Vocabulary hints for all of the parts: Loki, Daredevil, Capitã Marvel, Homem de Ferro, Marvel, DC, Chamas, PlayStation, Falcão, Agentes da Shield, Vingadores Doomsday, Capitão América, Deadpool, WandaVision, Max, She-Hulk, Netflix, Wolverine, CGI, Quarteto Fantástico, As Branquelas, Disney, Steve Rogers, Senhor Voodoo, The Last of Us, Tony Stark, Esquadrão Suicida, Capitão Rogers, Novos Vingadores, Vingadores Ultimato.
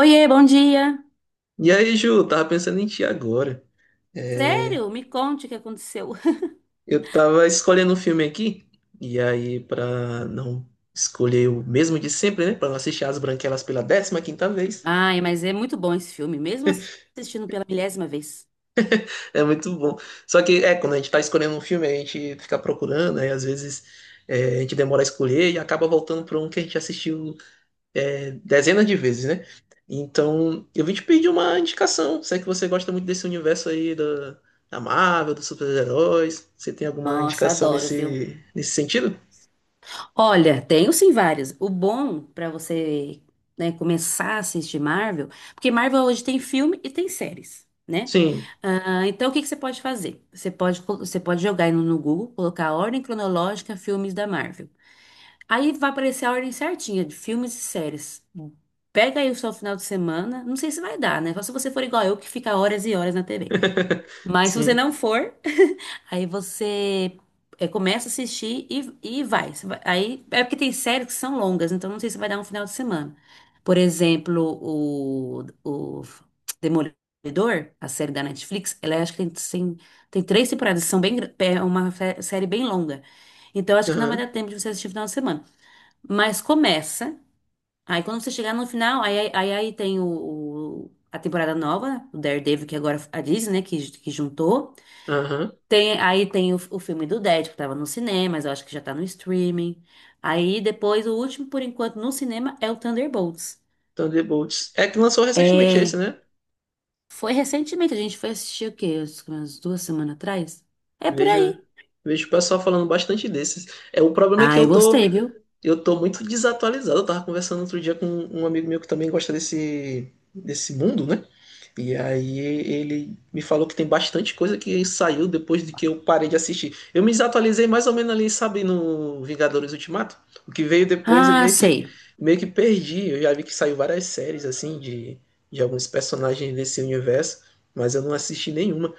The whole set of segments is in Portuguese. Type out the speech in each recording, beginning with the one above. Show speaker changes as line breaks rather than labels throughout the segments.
Oiê, bom dia.
E aí, Ju, tava pensando em ti agora. É,
Sério? Me conte o que aconteceu.
eu tava escolhendo um filme aqui, e aí, pra não escolher o mesmo de sempre, né? Pra não assistir As Branquelas pela décima quinta vez,
Ai, mas é muito bom esse filme, mesmo assim, assistindo pela milésima vez.
é muito bom. Só que, quando a gente tá escolhendo um filme, a gente fica procurando, aí às vezes a gente demora a escolher e acaba voltando pra um que a gente assistiu dezenas de vezes, né? Então, eu vim te pedir uma indicação. Se é que você gosta muito desse universo aí da Marvel, dos super-heróis, você tem alguma
Nossa,
indicação
adoro, viu?
nesse sentido?
Olha, tenho sim vários. O bom pra você, né, começar a assistir Marvel, porque Marvel hoje tem filme e tem séries, né?
Sim.
Ah, então o que que você pode fazer? Você pode, você pode jogar aí no Google, colocar a ordem cronológica filmes da Marvel. Aí vai aparecer a ordem certinha de filmes e séries. Pega aí o seu final de semana. Não sei se vai dar, né? Só se você for igual eu, que fica horas e horas na TV. Mas se você
Sim.
não for, aí você começa a assistir e vai. Aí é porque tem séries que são longas, então não sei se vai dar um final de semana. Por exemplo, o Demolidor, a série da Netflix, ela é, acho que tem três temporadas, são bem, é uma série bem longa. Então acho que não vai dar
Aham.
tempo de você assistir no final de semana. Mas começa. Aí quando você chegar no final, aí tem a temporada nova, o Daredevil, que agora a Disney, né, que juntou.
Aham.
Tem, aí tem o filme do Dead, que tava no cinema, mas eu acho que já tá no streaming. Aí depois, o último, por enquanto, no cinema é o Thunderbolts.
Thunderbolts. É que lançou recentemente esse,
É,
né?
foi recentemente, a gente foi assistir o quê? Umas duas semanas atrás? É por
Vejo,
aí.
vejo o pessoal falando bastante desses. É, o problema é que
Ah, eu gostei, viu?
eu tô muito desatualizado. Eu tava conversando outro dia com um amigo meu que também gosta desse mundo, né? E aí ele me falou que tem bastante coisa que saiu depois de que eu parei de assistir. Eu me desatualizei mais ou menos ali, sabe, no Vingadores Ultimato. O que veio depois
Ah, sei.
meio que perdi. Eu já vi que saiu várias séries, assim, de alguns personagens desse universo, mas eu não assisti nenhuma.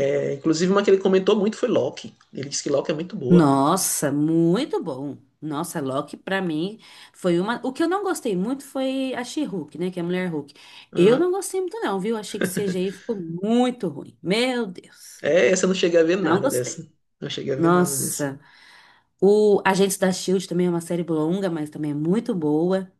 É, inclusive uma que ele comentou muito foi Loki. Ele disse que Loki é muito boa.
Nossa, muito bom. Nossa, Loki pra mim foi uma. O que eu não gostei muito foi a She-Hulk, né? Que é a mulher Hulk. Eu
Aham.
não gostei muito, não, viu? Achei que o CGI ficou muito ruim. Meu Deus.
É, essa eu não cheguei a ver
Não
nada
gostei.
dessa. Não cheguei a ver nada dessa.
Nossa. O Agentes da Shield também é uma série longa, mas também é muito boa.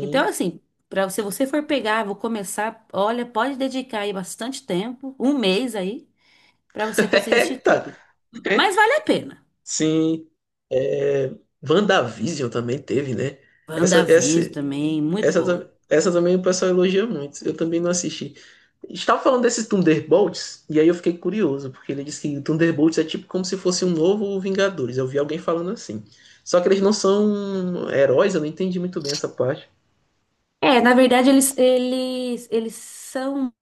Então, assim, pra, se você for pegar, vou começar. Olha, pode dedicar aí bastante tempo, um mês aí, pra você conseguir assistir
Eita!
tudo.
É.
Mas vale a pena.
Sim. É, WandaVision também teve, né? Essa, essa,
WandaVision também, muito
essa,
boa.
tam- essa também o pessoal elogia muito. Eu também não assisti. Estava falando desses Thunderbolts, e aí eu fiquei curioso, porque ele disse que Thunderbolts é tipo como se fosse um novo Vingadores. Eu vi alguém falando assim. Só que eles não são heróis, eu não entendi muito bem essa parte.
É, na verdade, eles são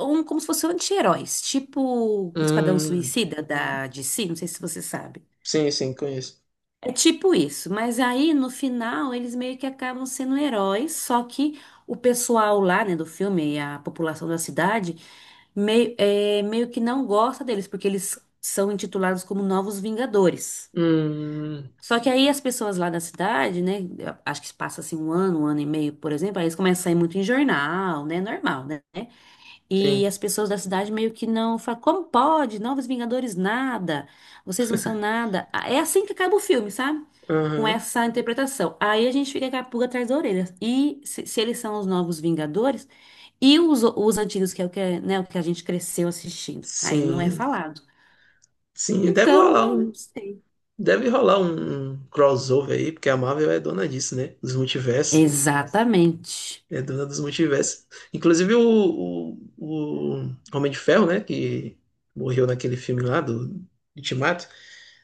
um, como se fossem anti-heróis, tipo Esquadrão
Hum,
Suicida da DC, não sei se você sabe.
sim, sim, conheço.
É tipo isso, mas aí no final eles meio que acabam sendo heróis, só que o pessoal lá, né, do filme, a população da cidade, meio que não gosta deles, porque eles são intitulados como Novos Vingadores.
Hum,
Só que aí as pessoas lá da cidade, né, acho que passa assim um ano e meio, por exemplo, aí eles começam a sair muito em jornal, né, normal, né? E
sim.
as pessoas da cidade meio que não falam, como pode? Novos Vingadores, nada. Vocês não são nada. Ah, é assim que acaba o filme, sabe? Com
Aham.
essa interpretação. Aí a gente fica com a pulga atrás da orelha. E se eles são os novos Vingadores, e os antigos, que é o que, é, né, o que a gente cresceu assistindo. Aí não é
Sim.
falado.
Sim, deve
Então,
rolar
né,
um
não sei.
Deve rolar um crossover aí, porque a Marvel é dona disso, né? Dos multiversos.
Exatamente.
É dona dos multiversos. Inclusive o Homem de Ferro, né? Que morreu naquele filme lá do Ultimato.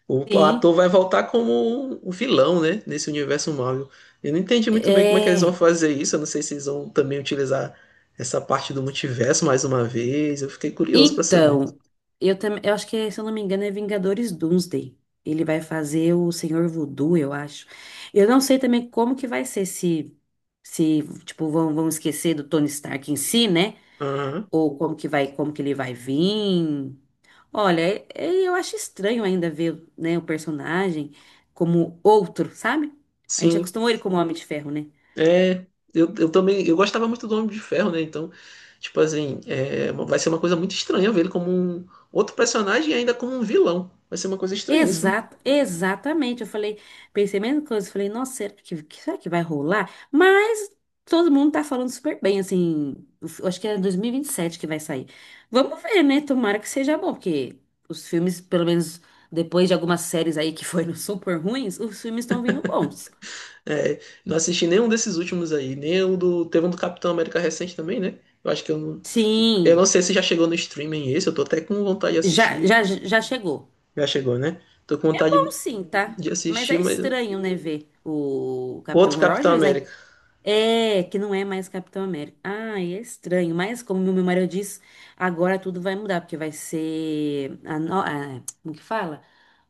O
Sim.
ator vai voltar como um vilão, né? Nesse universo Marvel. Eu não entendi muito bem como é que eles vão
É.
fazer isso. Eu não sei se eles vão também utilizar essa parte do multiverso mais uma vez. Eu fiquei curioso pra saber.
Então, eu também, eu acho que, é, se eu não me engano, é Vingadores Doomsday. Ele vai fazer o Senhor Voodoo, eu acho. Eu não sei também como que vai ser se tipo vão esquecer do Tony Stark em si, né?
Aham.
Ou como que vai, como que ele vai vir. Olha, eu acho estranho ainda ver, né, o personagem como outro, sabe? A gente
Sim.
acostumou ele como Homem de Ferro, né?
É, eu também, eu gostava muito do Homem de Ferro, né? Então, tipo assim, é, vai ser uma coisa muito estranha ver ele como um outro personagem e ainda como um vilão. Vai ser uma coisa estranhíssima.
Exato, exatamente. Eu falei, pensei a mesma coisa. Eu Falei, nossa, será será que vai rolar? Mas todo mundo tá falando super bem, assim. Eu Acho que é dois mil e vinte e sete que vai sair. Vamos ver, né? Tomara que seja bom, porque os filmes, pelo menos depois de algumas séries aí que foram super ruins, os filmes estão vindo bons.
É, não assisti nenhum desses últimos aí, nem o do, teve um do Capitão América recente também, né? Eu acho que eu não
Sim,
sei se já chegou no streaming esse, eu tô até com vontade de assistir.
já chegou.
Já chegou, né? Tô com
É
vontade
bom sim, tá?
de
Mas
assistir,
é
mas
estranho, né, ver o Capitão
outro Capitão
Rogers, né?
América.
É, que não é mais Capitão América. Ah, é estranho. Mas, como meu marido diz, agora tudo vai mudar, porque vai ser a no... a- como que fala?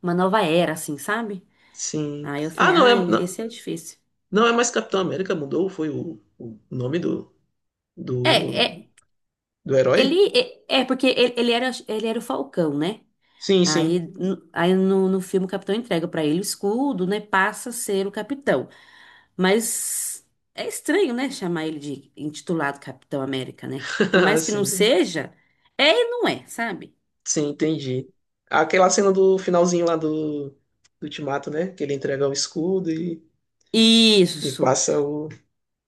Uma nova era, assim, sabe?
Sim.
Aí eu
Ah,
falei,
não
ah,
é, não,
esse é difícil.
não é mais Capitão América, mudou, foi o nome do
É, é,
do Do herói?
ele é porque ele, ele era o Falcão, né?
Sim, sim.
Aí, no, no filme o Capitão entrega pra ele o escudo, né? Passa a ser o Capitão. Mas é estranho, né? Chamar ele de intitulado Capitão América, né? Por mais que não
Sim,
Sim. seja, é e não é, sabe?
sim, entendi. Aquela cena do finalzinho lá do Ultimato, né? Que ele entrega o escudo e
Isso.
passa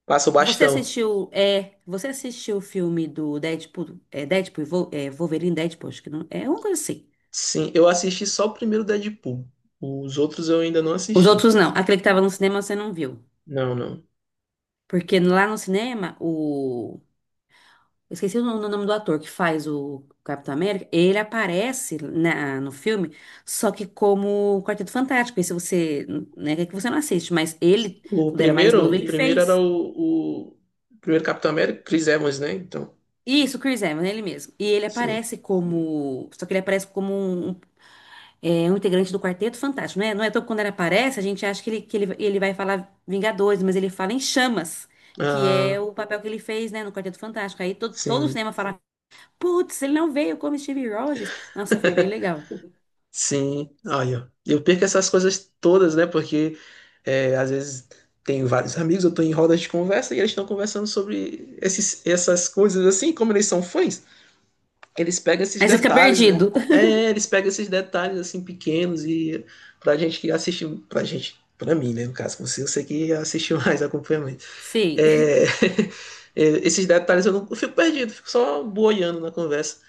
passa o
Você
bastão.
assistiu, é, você assistiu o filme do Deadpool, é, Deadpool, e Wolverine Deadpool, acho que não, é uma coisa assim.
Sim, eu assisti só o primeiro Deadpool. Os outros eu ainda não
Os
assisti.
outros não. Aquele que tava no cinema você não viu.
Não, não.
Porque lá no cinema, eu esqueci o no- o nome do ator que faz o Capitão América. Ele aparece no filme, só que como o Quarteto Fantástico. Esse você, né, que você não assiste, mas ele, quando era mais novo,
O
ele Chris
primeiro era
fez.
o primeiro Capitão América, Chris Evans, né? Então,
Isso, o Chris Evans, ele mesmo. E ele
sim.
aparece como. Só que ele aparece como um, um integrante do Quarteto Fantástico, né? Não é todo quando ele aparece, a gente acha que ele, ele vai falar Vingadores, mas ele fala em Chamas, que é
Ah,
o papel que ele fez, né, no Quarteto Fantástico. Aí todo o
sim.
cinema fala Putz, ele não veio como Steve Rogers. Nossa, foi bem legal.
Sim, olha, eu perco essas coisas todas, né? Porque é, às vezes tenho vários amigos, eu tô em rodas de conversa e eles estão conversando sobre essas coisas assim, como eles são fãs, eles pegam esses
Aí você fica
detalhes, né?
perdido.
É, eles pegam esses detalhes assim pequenos e pra gente que assiste, pra mim, né? No caso, você, eu sei que assistiu mais acompanhamento.
Sim.
É, é, esses detalhes eu não eu fico perdido, fico só boiando na conversa.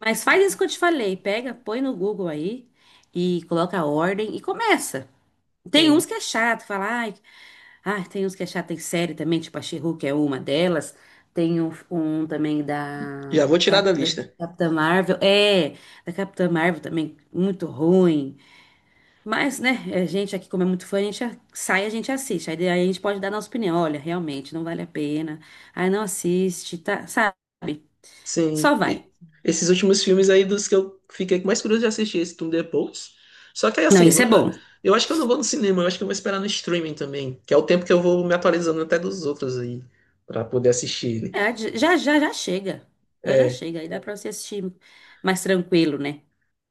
Mas faz isso que eu te falei. Pega, põe no Google aí e coloca a ordem e começa. Tem uns
Sim,
que é chato, fala, tem uns que é chato, tem série também, tipo a She-Hulk é uma delas. Tem um também
já
da,
vou tirar da
Da
lista.
Capitã Marvel. É, da Capitã Marvel também, muito ruim. Mas, né, é, a gente aqui, como é muito fã, a gente sai, a gente assiste. Aí, daí a gente pode dar nossa opinião. Olha, realmente, não vale a pena. Aí não assiste, tá? Sabe? Só
Sim.
vai.
E esses últimos filmes aí dos que eu fiquei com mais curioso de assistir esse Tudo Depois. Só que aí,
Não,
assim,
isso é bom.
eu acho que eu não vou no cinema, eu acho que eu vou esperar no streaming também, que é o tempo que eu vou me atualizando até dos outros aí, pra poder assistir. Né?
É, já chega. Já
É.
chega. Aí dá pra você assistir mais tranquilo, né?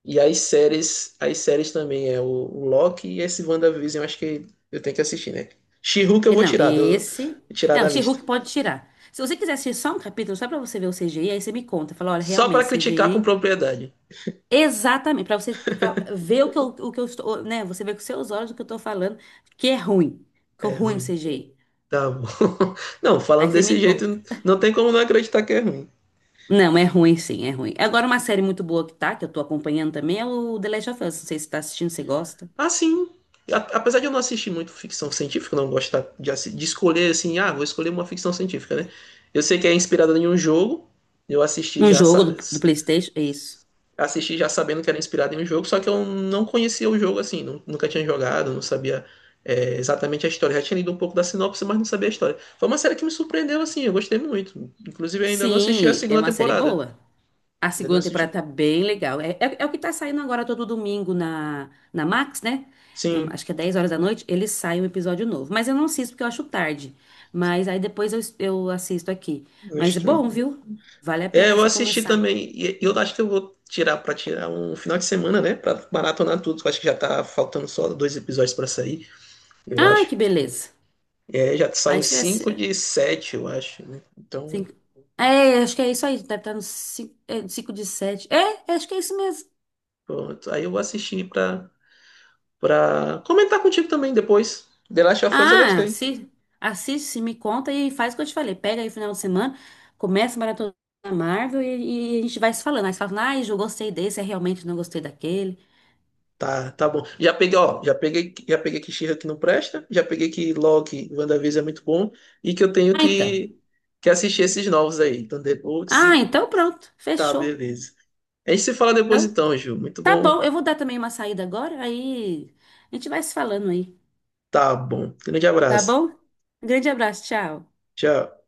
E as séries também é o Loki e esse WandaVision, eu acho que eu tenho que assistir, né? She-Hulk eu
E
vou
não,
tirar, vou
esse...
tirar
É,
da
o
lista.
She-Hulk pode tirar. Se você quiser assistir só um capítulo, só pra você ver o CGI, aí você me conta. Fala, olha,
Só pra
realmente,
criticar com
CGI
propriedade.
exatamente, para você ver o que eu estou, né? Você vê com seus olhos o que eu estou falando, que é ruim, que é
É
ruim
ruim.
CGI.
Tá bom. Não,
Aí
falando
você me
desse jeito,
conta.
não tem como não acreditar que é ruim.
Não, é ruim sim, é ruim. Agora uma série muito boa que tá, que eu tô acompanhando também, é o The Last of Us. Não sei se você tá assistindo, se você gosta.
Ah, sim. A- Apesar de eu não assistir muito ficção científica, não gosto de escolher assim, ah, vou escolher uma ficção científica, né? Eu sei que é inspirada em um jogo, eu assisti
Um
já,
jogo
sa-
do PlayStation, é isso.
assisti já sabendo que era inspirada em um jogo, só que eu não conhecia o jogo assim, nunca tinha jogado, não sabia exatamente a história. Já tinha lido um pouco da sinopse, mas não sabia a história. Foi uma série que me surpreendeu assim, eu gostei muito. Inclusive, eu ainda não assisti a
Sim, é
segunda
uma série
temporada.
boa. A
Ainda não
segunda temporada
assisti.
tá bem legal. É o que tá saindo agora todo domingo na Max, né? É,
Sim,
acho que é 10 horas da noite, ele sai um episódio novo. Mas eu não assisto porque eu acho tarde. Mas aí depois eu assisto aqui.
no
Mas é
stream.
bom, viu? Vale a
É,
pena
eu
você
assisti
começar.
também. E eu acho que eu vou tirar pra tirar um final de semana, né? Pra maratonar tudo. Que Eu acho que já tá faltando só dois episódios pra sair, eu
Ai,
acho.
que beleza.
É, já
Aí
saiu
você.
cinco de
Assi-
sete, eu acho, né? Então,
Cinco... É, acho que é isso aí. Deve estar no 5 é, 5 de 7 é, acho que é isso mesmo.
pronto. Aí eu vou assistir pra comentar contigo também depois. The Last of Us eu
Ah,
gostei.
assiste, me conta e faz o que eu te falei. Pega aí o final de semana, começa a maratona da Marvel e a gente vai se falando. Aí você fala, ah, eu gostei desse, eu realmente não gostei daquele.
Tá, tá bom. Já peguei, ó, já peguei que She-Hulk que não presta, já peguei que Loki, WandaVision é muito bom e que eu tenho
Ah, então.
que assistir esses novos aí. Então Thunderbolts
Ah,
e
então pronto,
tá,
fechou.
beleza. A gente se fala depois
Então,
então, Ju. Muito
tá
bom.
bom, eu vou dar também uma saída agora, aí a gente vai se falando aí,
Tá bom. Grande
tá
abraço.
bom? Grande abraço, tchau.
Tchau.